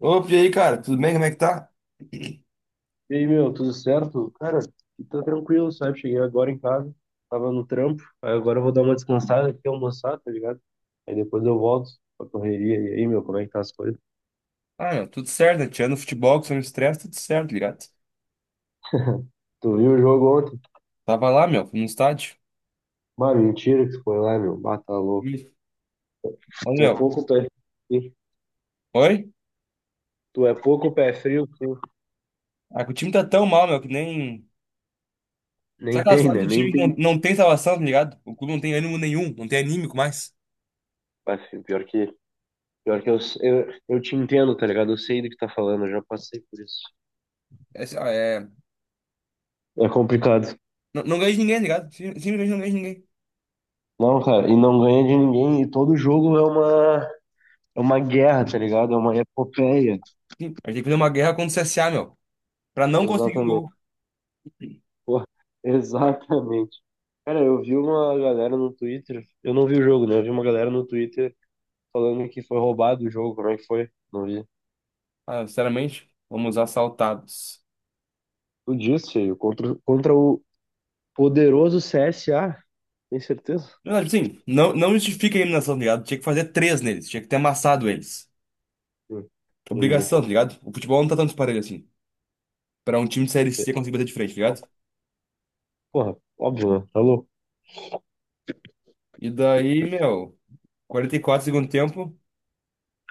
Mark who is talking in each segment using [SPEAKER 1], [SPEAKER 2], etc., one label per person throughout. [SPEAKER 1] Opa, e aí, cara? Tudo bem? Como é que tá?
[SPEAKER 2] E aí, meu, tudo certo? Cara, tá tranquilo, sabe? Cheguei agora em casa, tava no trampo, aí agora eu vou dar uma descansada aqui, almoçar, tá ligado? Aí depois eu volto pra correria. E aí, meu, como é que tá as coisas?
[SPEAKER 1] Ah, meu, tudo certo, né? Tirando o futebol, que são estresse, tudo certo, ligado?
[SPEAKER 2] Tu viu o jogo ontem?
[SPEAKER 1] Tava lá, meu, no estádio.
[SPEAKER 2] Mas mentira que tu foi lá, meu, bata louco.
[SPEAKER 1] Ih. Ô,
[SPEAKER 2] Tu é
[SPEAKER 1] meu.
[SPEAKER 2] pouco pé frio.
[SPEAKER 1] Oi?
[SPEAKER 2] Tu é pouco pé frio, sim.
[SPEAKER 1] Ah, que o time tá tão mal, meu, que nem. Sabe
[SPEAKER 2] Nem
[SPEAKER 1] aquelas
[SPEAKER 2] tem,
[SPEAKER 1] fases
[SPEAKER 2] né?
[SPEAKER 1] do
[SPEAKER 2] Nem
[SPEAKER 1] time que
[SPEAKER 2] tem.
[SPEAKER 1] não tem salvação, tá ligado? O clube não tem ânimo nenhum, não tem anímico mais.
[SPEAKER 2] Mas, assim, pior que, pior que eu te entendo, tá ligado? Eu sei do que tá falando, eu já passei por isso.
[SPEAKER 1] É, assim, ó.
[SPEAKER 2] É complicado.
[SPEAKER 1] Não, não ganha de ninguém, tá ligado? Simplesmente não ganha de ninguém.
[SPEAKER 2] Não, cara, e não ganha de ninguém, e todo jogo é uma é uma guerra, tá ligado? É uma epopeia.
[SPEAKER 1] Sim, a gente tem que fazer uma guerra contra o CSA, meu, pra não conseguir um
[SPEAKER 2] Exatamente.
[SPEAKER 1] gol.
[SPEAKER 2] Pô, exatamente. Cara, eu vi uma galera no Twitter. Eu não vi o jogo, né? Eu vi uma galera no Twitter falando que foi roubado o jogo. Como é que foi? Não vi.
[SPEAKER 1] Ah, sinceramente, fomos assaltados.
[SPEAKER 2] Tu disse, feio. Contra, contra o poderoso CSA. Tem certeza?
[SPEAKER 1] Não, sim, não justifica a eliminação, tá ligado? Tinha que fazer três neles, tinha que ter amassado eles.
[SPEAKER 2] Hum, Entendi.
[SPEAKER 1] Obrigação, tá ligado? O futebol não tá tanto parelho assim. Pra um time de Série
[SPEAKER 2] É,
[SPEAKER 1] C conseguir bater de frente, tá ligado?
[SPEAKER 2] Porra, óbvio, né? Tá louco.
[SPEAKER 1] E daí, meu, 44 segundo tempo,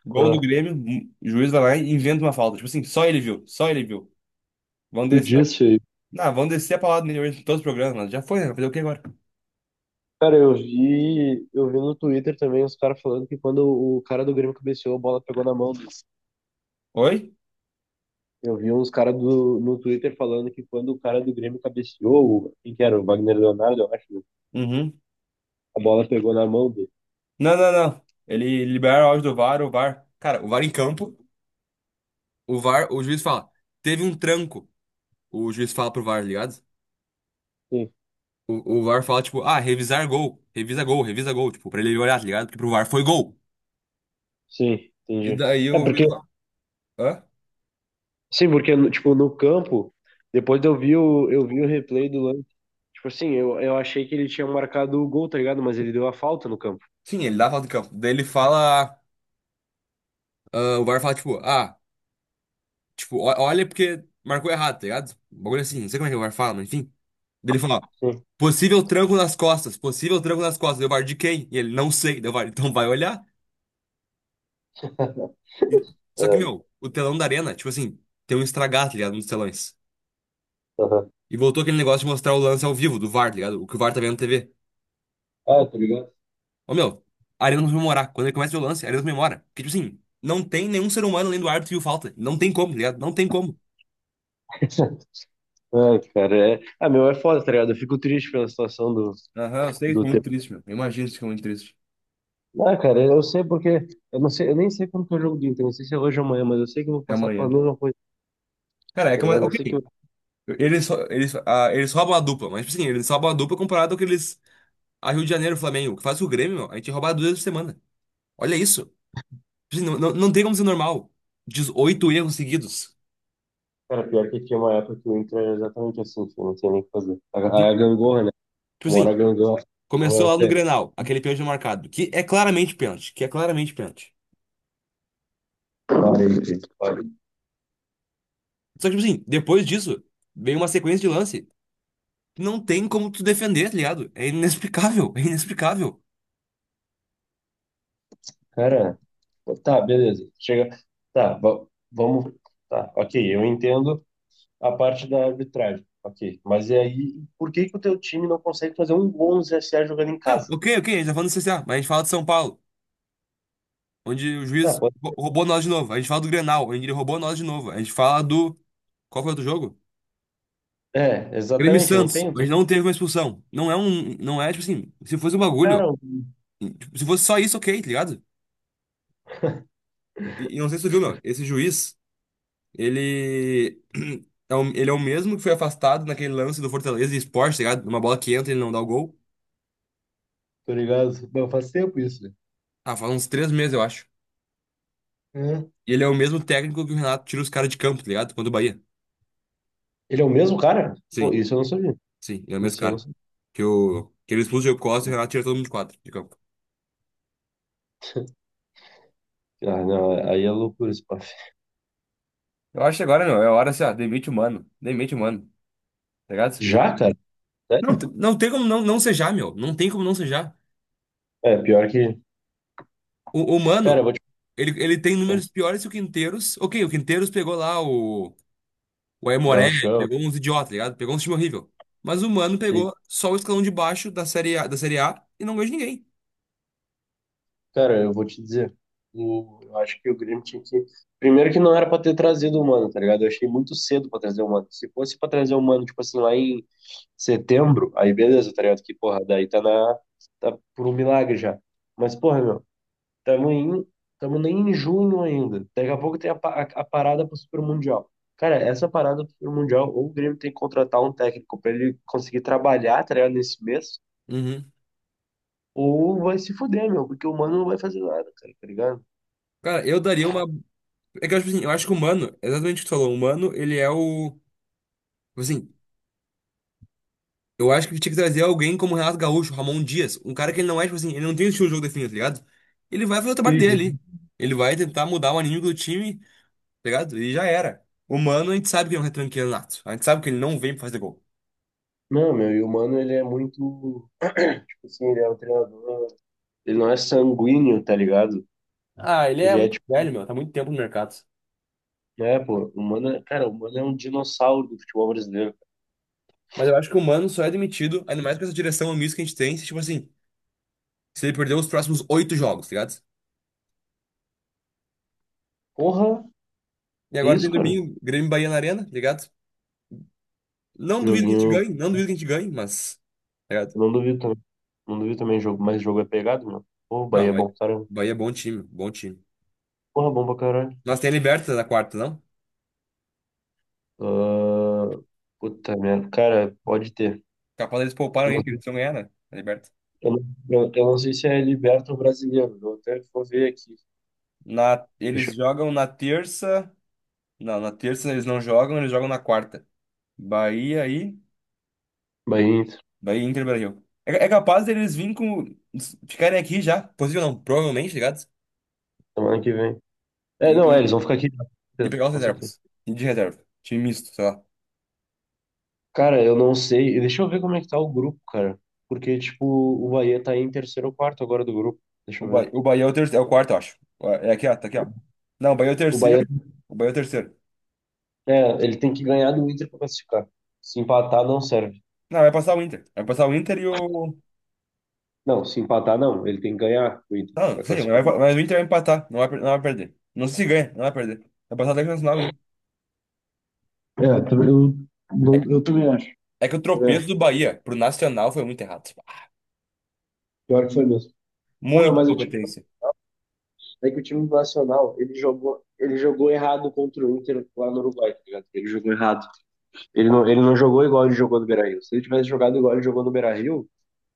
[SPEAKER 1] gol do
[SPEAKER 2] Ah,
[SPEAKER 1] Grêmio, o juiz vai lá e inventa uma falta. Tipo assim, só ele viu, só ele viu. Vão
[SPEAKER 2] tu
[SPEAKER 1] descer.
[SPEAKER 2] disse, feio.
[SPEAKER 1] Não, vão descer a palavra nele hoje em todos os programas, mas já foi, né? Vai fazer o que agora?
[SPEAKER 2] Cara, eu vi no Twitter também os caras falando que quando o cara do Grêmio cabeceou, a bola pegou na mão do...
[SPEAKER 1] Oi?
[SPEAKER 2] Eu vi uns caras no Twitter falando que quando o cara do Grêmio cabeceou, quem que era? O Wagner Leonardo, eu acho, né?
[SPEAKER 1] Uhum.
[SPEAKER 2] A bola pegou na mão dele.
[SPEAKER 1] Não, não, não. Ele libera o áudio do VAR, o VAR. Cara, o VAR em campo, o VAR, o juiz fala, teve um tranco. O juiz fala pro VAR, tá ligado?
[SPEAKER 2] Sim,
[SPEAKER 1] O VAR fala, tipo, ah, revisar gol, revisa gol, revisa gol, tipo, pra ele olhar, tá ligado? Porque pro VAR foi gol.
[SPEAKER 2] sim,
[SPEAKER 1] E
[SPEAKER 2] entendi.
[SPEAKER 1] daí
[SPEAKER 2] É
[SPEAKER 1] o
[SPEAKER 2] porque,
[SPEAKER 1] juiz fala, hã?
[SPEAKER 2] sim, porque, tipo, no campo, depois eu vi o replay do lance. Tipo assim, eu achei que ele tinha marcado o gol, tá ligado? Mas ele deu a falta no campo.
[SPEAKER 1] Sim, ele dá falta de campo. Daí ele fala, ah, o VAR fala, tipo, ah, tipo, olha porque marcou errado, tá ligado? Um bagulho assim, não sei como é que o VAR fala, mas enfim. Daí ele fala,
[SPEAKER 2] Sim.
[SPEAKER 1] possível tranco nas costas, possível tranco nas costas. Deu VAR de quem? E ele, não sei. Deu VAR, então vai olhar. E- Só que,
[SPEAKER 2] Ai,
[SPEAKER 1] meu, o telão da arena, tipo assim, tem um estragado, tá ligado? Um dos telões.
[SPEAKER 2] aham.
[SPEAKER 1] E voltou aquele negócio de mostrar o lance ao vivo do VAR, tá ligado? O que o VAR tá vendo na TV.
[SPEAKER 2] Ah, tá ligado?
[SPEAKER 1] Ô, meu. Arenas memorar. Quando ele começa o lance, Arenas memora. Porque, tipo assim, não tem nenhum ser humano além do árbitro que viu falta. Não tem como, tá ligado? Não tem como.
[SPEAKER 2] Ai, cara, é... Ah, meu, é foda, tá ligado? Eu fico triste pela situação do,
[SPEAKER 1] Aham, eu sei,
[SPEAKER 2] do...
[SPEAKER 1] ficou muito triste, meu. Eu imagino que ficou muito triste.
[SPEAKER 2] Ah, cara, eu sei porque. Eu não sei, eu nem sei quando que é o jogo do Inter, não sei se é hoje ou amanhã, mas eu sei que eu vou
[SPEAKER 1] É
[SPEAKER 2] passar pela
[SPEAKER 1] amanhã.
[SPEAKER 2] mesma coisa,
[SPEAKER 1] Cara, é
[SPEAKER 2] tá
[SPEAKER 1] que,
[SPEAKER 2] ligado? Eu
[SPEAKER 1] ok.
[SPEAKER 2] sei que. Eu-
[SPEAKER 1] Eles, só- eles, ah, eles roubam a dupla, mas, tipo assim, eles roubam a dupla comparado ao que eles. A Rio de Janeiro, Flamengo. O que faz com o Grêmio, meu? A gente rouba duas vezes por semana. Olha isso. Tipo assim, não tem como ser normal. Dezoito erros seguidos.
[SPEAKER 2] Cara, pior que tinha uma época que o Inter era exatamente assim, filho, não sei nem o que fazer. A
[SPEAKER 1] De-
[SPEAKER 2] gangorra, né?
[SPEAKER 1] tipo
[SPEAKER 2] Uma
[SPEAKER 1] assim,
[SPEAKER 2] hora a gangorra.
[SPEAKER 1] começou
[SPEAKER 2] Olha,
[SPEAKER 1] lá no
[SPEAKER 2] filho,
[SPEAKER 1] Grenal, aquele pênalti marcado, que é claramente pênalti, que é claramente pênalti.
[SPEAKER 2] olha.
[SPEAKER 1] Só que, tipo assim, depois disso, vem uma sequência de lance que não tem como tu defender, tá ligado? É inexplicável, é inexplicável.
[SPEAKER 2] Cara, tá, beleza. Chega. Tá, vamos. Tá, ok, eu entendo a parte da arbitragem, ok. Mas e aí, por que que o teu time não consegue fazer um gol no CSA jogando em
[SPEAKER 1] Ah,
[SPEAKER 2] casa?
[SPEAKER 1] ok, ok, a gente tá falando do CSA, mas a gente fala de São Paulo, onde o
[SPEAKER 2] Ah,
[SPEAKER 1] juiz
[SPEAKER 2] pode-...
[SPEAKER 1] roubou nós de novo. A gente fala do Grenal, onde ele roubou nós de novo. A gente fala do. Qual foi o outro jogo?
[SPEAKER 2] É,
[SPEAKER 1] Grêmio e
[SPEAKER 2] exatamente, não
[SPEAKER 1] Santos,
[SPEAKER 2] tem outro.
[SPEAKER 1] onde não teve uma expulsão. Não é um. Não é, tipo assim, se fosse um bagulho.
[SPEAKER 2] Cara,
[SPEAKER 1] Tipo, se fosse só isso, ok, tá ligado? E não sei se tu viu, meu, esse juiz, ele. Ele é o mesmo que foi afastado naquele lance do Fortaleza e Sport, tá ligado? Uma bola que entra, ele não dá o gol.
[SPEAKER 2] tá ligado? Não, faz tempo isso. né?
[SPEAKER 1] Ah, faz uns 3 meses, eu acho.
[SPEAKER 2] É.
[SPEAKER 1] E ele é o mesmo técnico que o Renato tira os caras de campo, tá ligado? Quando o Bahia.
[SPEAKER 2] Ele é o mesmo cara? Pô,
[SPEAKER 1] Sim,
[SPEAKER 2] isso eu não sabia.
[SPEAKER 1] sim, ele é o mesmo
[SPEAKER 2] Isso eu não
[SPEAKER 1] cara.
[SPEAKER 2] sabia.
[SPEAKER 1] Que ele expulsa o Diego Costa e o Renato tira todo mundo de quadro, de campo.
[SPEAKER 2] Ah, não, aí é loucura esse papo.
[SPEAKER 1] Eu acho que agora, meu, é a hora assim, ó, demite o mano. Demite o mano, tá ligado?
[SPEAKER 2] Já, cara?
[SPEAKER 1] Não,
[SPEAKER 2] Sério?
[SPEAKER 1] não tem como não, sejar, meu. Não tem como não sejar.
[SPEAKER 2] É, pior que...
[SPEAKER 1] O
[SPEAKER 2] Cara, eu
[SPEAKER 1] Mano,
[SPEAKER 2] vou te...
[SPEAKER 1] ele tem
[SPEAKER 2] É,
[SPEAKER 1] números piores que o Quinteiros. Ok, o Quinteiros pegou lá o Aimoré,
[SPEAKER 2] gauchão,
[SPEAKER 1] pegou uns idiotas, tá ligado? Pegou um time horrível. Mas o Mano
[SPEAKER 2] sei.
[SPEAKER 1] pegou só o escalão de baixo da Série A e não ganhou de ninguém.
[SPEAKER 2] Cara, eu vou te dizer. O... Eu acho que o Grêmio tinha que... Primeiro que não era pra ter trazido o Mano, tá ligado? Eu achei muito cedo pra trazer o Mano. Se fosse pra trazer o Mano, tipo assim, lá em setembro, aí beleza, tá ligado? Que, porra, daí tá na... Tá por um milagre já. Mas, porra, meu. Tamo em, tamo nem em junho ainda. Daqui a pouco tem a parada pro Super Mundial. Cara, essa parada pro Super Mundial, ou o Grêmio tem que contratar um técnico pra ele conseguir trabalhar, tá ligado, nesse mês,
[SPEAKER 1] Uhum.
[SPEAKER 2] ou vai se fuder, meu, porque o Mano não vai fazer nada, cara, tá ligado?
[SPEAKER 1] Cara, eu daria uma. É que eu acho assim, eu acho que o Mano, exatamente o que tu falou, o Mano, ele é o. Tipo assim, eu acho que tinha que trazer alguém como Renato Gaúcho, Ramon Dias, um cara que ele não é, tipo assim, ele não tem o estilo de jogo definido, tá ligado? Ele vai fazer o trabalho dele
[SPEAKER 2] Uhum.
[SPEAKER 1] ali. Ele vai tentar mudar o anímico do time, tá ligado? E já era. O Mano, a gente sabe que ele é um retranqueiro nato. A gente sabe que ele não vem pra fazer gol.
[SPEAKER 2] Não, meu, e o Mano, ele é muito, tipo assim, ele é um treinador, ele não é sanguíneo, tá ligado?
[SPEAKER 1] Ah, ele é
[SPEAKER 2] Ele é,
[SPEAKER 1] muito
[SPEAKER 2] tipo,
[SPEAKER 1] velho, meu, tá muito tempo no mercado.
[SPEAKER 2] né, pô, o Mano, cara, o Mano é um dinossauro do futebol brasileiro.
[SPEAKER 1] Mas eu acho que o Mano só é demitido, ainda mais com essa direção omissa que a gente tem, se, tipo assim, se ele perder os próximos oito jogos, tá ligado?
[SPEAKER 2] Porra,
[SPEAKER 1] E
[SPEAKER 2] que
[SPEAKER 1] agora tem
[SPEAKER 2] isso, cara?
[SPEAKER 1] domingo, Grêmio e Bahia na Arena, tá ligado? Não duvido que a gente
[SPEAKER 2] Joguinho...
[SPEAKER 1] ganhe, não duvido que a gente ganhe, mas. Tá ligado?
[SPEAKER 2] Eu não duvido também. Não duvido também jogo, mas jogo é pegado, meu. Pô, o
[SPEAKER 1] Não,
[SPEAKER 2] Bahia é
[SPEAKER 1] mas.
[SPEAKER 2] bom pra caramba.
[SPEAKER 1] Bahia é bom time, bom time.
[SPEAKER 2] Porra, bom pra caralho.
[SPEAKER 1] Nós tem a Liberta na quarta, não?
[SPEAKER 2] Ah, puta merda. Cara, pode ter.
[SPEAKER 1] Capaz eles pouparam
[SPEAKER 2] Eu não,
[SPEAKER 1] ainda, porque
[SPEAKER 2] sei-
[SPEAKER 1] eles vão ganhar, né? A Liberta.
[SPEAKER 2] eu não, eu não sei se é liberto ou brasileiro. Eu até vou ver aqui.
[SPEAKER 1] Na.
[SPEAKER 2] Deixa
[SPEAKER 1] Eles
[SPEAKER 2] eu...
[SPEAKER 1] jogam na terça. Não, na terça eles não jogam, eles jogam na quarta. Bahia e.
[SPEAKER 2] Bahia, Inter,
[SPEAKER 1] Bahia e Inter Brasil. É capaz deles virem com. Ficarem aqui já. Possível não, provavelmente, tá ligado?
[SPEAKER 2] semana que vem. É, não, é, eles
[SPEAKER 1] E,
[SPEAKER 2] vão ficar aqui. Com
[SPEAKER 1] e
[SPEAKER 2] certeza,
[SPEAKER 1] pegar os
[SPEAKER 2] com certeza.
[SPEAKER 1] reservas. E de reserva. Time misto, sei lá.
[SPEAKER 2] Cara, eu não sei. Deixa eu ver como é que tá o grupo, cara. Porque, tipo, o Bahia tá em terceiro ou quarto agora do grupo. Deixa eu ver.
[SPEAKER 1] O Bahia é o, terceiro, é o quarto, eu acho. É aqui, ó, tá aqui, ó. Não, o Bahia é o
[SPEAKER 2] O Bahia,
[SPEAKER 1] terceiro. O Bahia é o terceiro.
[SPEAKER 2] é, ele tem que ganhar do Inter pra classificar. Se empatar, não serve.
[SPEAKER 1] Não, vai passar o Inter. Vai passar o Inter e o.
[SPEAKER 2] Não, se empatar, não. Ele tem que ganhar o Inter
[SPEAKER 1] Não, não
[SPEAKER 2] para
[SPEAKER 1] sei,
[SPEAKER 2] classificar.
[SPEAKER 1] mas o Inter vai empatar. Não vai, não vai perder. Não se ganha, não vai perder. Vai passar até o Nacional, o Inter.
[SPEAKER 2] É, também- eu,
[SPEAKER 1] É,
[SPEAKER 2] não- eu também acho.
[SPEAKER 1] é que o
[SPEAKER 2] Também
[SPEAKER 1] tropeço
[SPEAKER 2] acho.
[SPEAKER 1] do Bahia pro Nacional foi muito errado.
[SPEAKER 2] Pior que foi mesmo. Pô, é,
[SPEAKER 1] Muita
[SPEAKER 2] mas o time,
[SPEAKER 1] incompetência.
[SPEAKER 2] é que o time do Nacional, ele jogou errado contra o Inter lá no Uruguai, tá ligado? Ele jogou errado. Ele não jogou igual ele jogou no Beira-Rio. Se ele tivesse jogado igual ele jogou no Beira-Rio,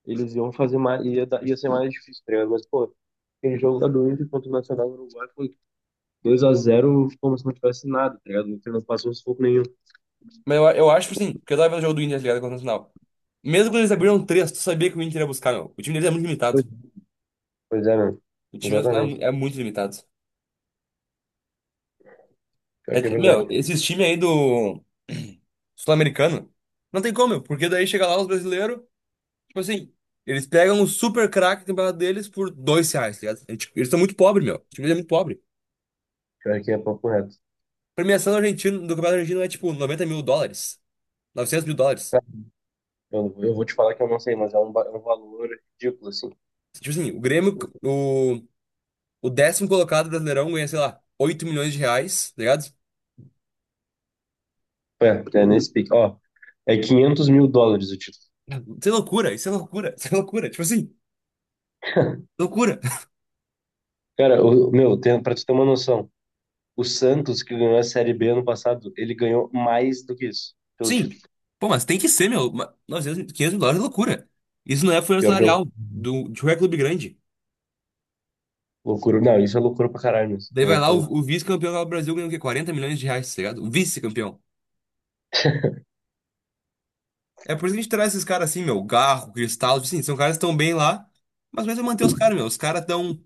[SPEAKER 2] eles iam fazer mais, ia ser mais difícil, tá ligado? Mas, pô, aquele jogo lá do Inter contra o Nacional do Uruguai foi dois a zero como se não tivesse nada, tá ligado? O Inter não passou sufoco nenhum.
[SPEAKER 1] Mas eu acho, tipo assim, porque eu tava vendo o jogo do Inter tá ligado contra o Nacional. Mesmo quando eles abriram três, tu sabia que o Inter ia buscar, meu. O time deles é muito
[SPEAKER 2] Pois
[SPEAKER 1] limitado.
[SPEAKER 2] pois é, mano.
[SPEAKER 1] O time nacional é
[SPEAKER 2] Exatamente.
[SPEAKER 1] é muito limitado.
[SPEAKER 2] Pior que é
[SPEAKER 1] É,
[SPEAKER 2] verdade.
[SPEAKER 1] meu, esses times aí do. Sul-Americano? Não tem como, porque daí chega lá os brasileiros, tipo assim, eles pegam o super craque do campeonato deles por R$ 2, tá ligado? É, tipo, eles são muito pobres, meu. O time é muito pobre.
[SPEAKER 2] Pior que é papo reto.
[SPEAKER 1] A premiação do argentino, do campeonato argentino é tipo US$ 90 mil, US$ 900 mil.
[SPEAKER 2] Cara, eu, não eu vou te falar que eu não sei, mas é um, é um valor ridículo, assim.
[SPEAKER 1] Tipo assim, o Grêmio, o, o décimo colocado do brasileirão ganha, sei lá, R$ 8 milhões, tá ligado?
[SPEAKER 2] É, é nesse pique. Ó, é 500 mil dólares o título.
[SPEAKER 1] Isso é loucura, isso é loucura, isso é loucura. Tipo assim, loucura.
[SPEAKER 2] Cara, o, meu, tem, pra tu ter uma noção, o Santos, que ganhou a Série B ano passado, ele ganhou mais do que isso pelo
[SPEAKER 1] Sim.
[SPEAKER 2] título.
[SPEAKER 1] Pô, mas tem que ser, meu. 900, US$ 500 mil é loucura. Isso não é folha
[SPEAKER 2] Pior que é
[SPEAKER 1] salarial do, de qualquer clube grande.
[SPEAKER 2] loucura. Não, isso é loucura pra caralho, mesmo. Não
[SPEAKER 1] Daí
[SPEAKER 2] tem nem o
[SPEAKER 1] vai
[SPEAKER 2] que
[SPEAKER 1] lá, o,
[SPEAKER 2] fazer.
[SPEAKER 1] o vice-campeão lá do Brasil ganhando o quê? R$ 40 milhões, tá ligado? O vice-campeão. É por isso que a gente traz esses caras assim, meu. Garro, Cristal, assim, são caras que estão bem lá, mas vai manter os caras, meu. Os caras estão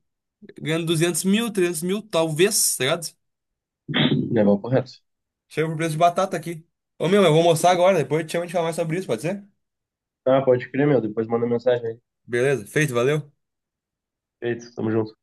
[SPEAKER 1] ganhando 200 mil, 300 mil, talvez, tá ligado?
[SPEAKER 2] Não é papo reto.
[SPEAKER 1] Chega pro preço de batata aqui. Ô, meu, eu vou almoçar agora, depois eu te chamo e a gente fala mais sobre isso, pode ser?
[SPEAKER 2] Ah, pode crer, meu. Depois manda mensagem aí.
[SPEAKER 1] Beleza, feito, valeu.
[SPEAKER 2] Feito, tamo junto.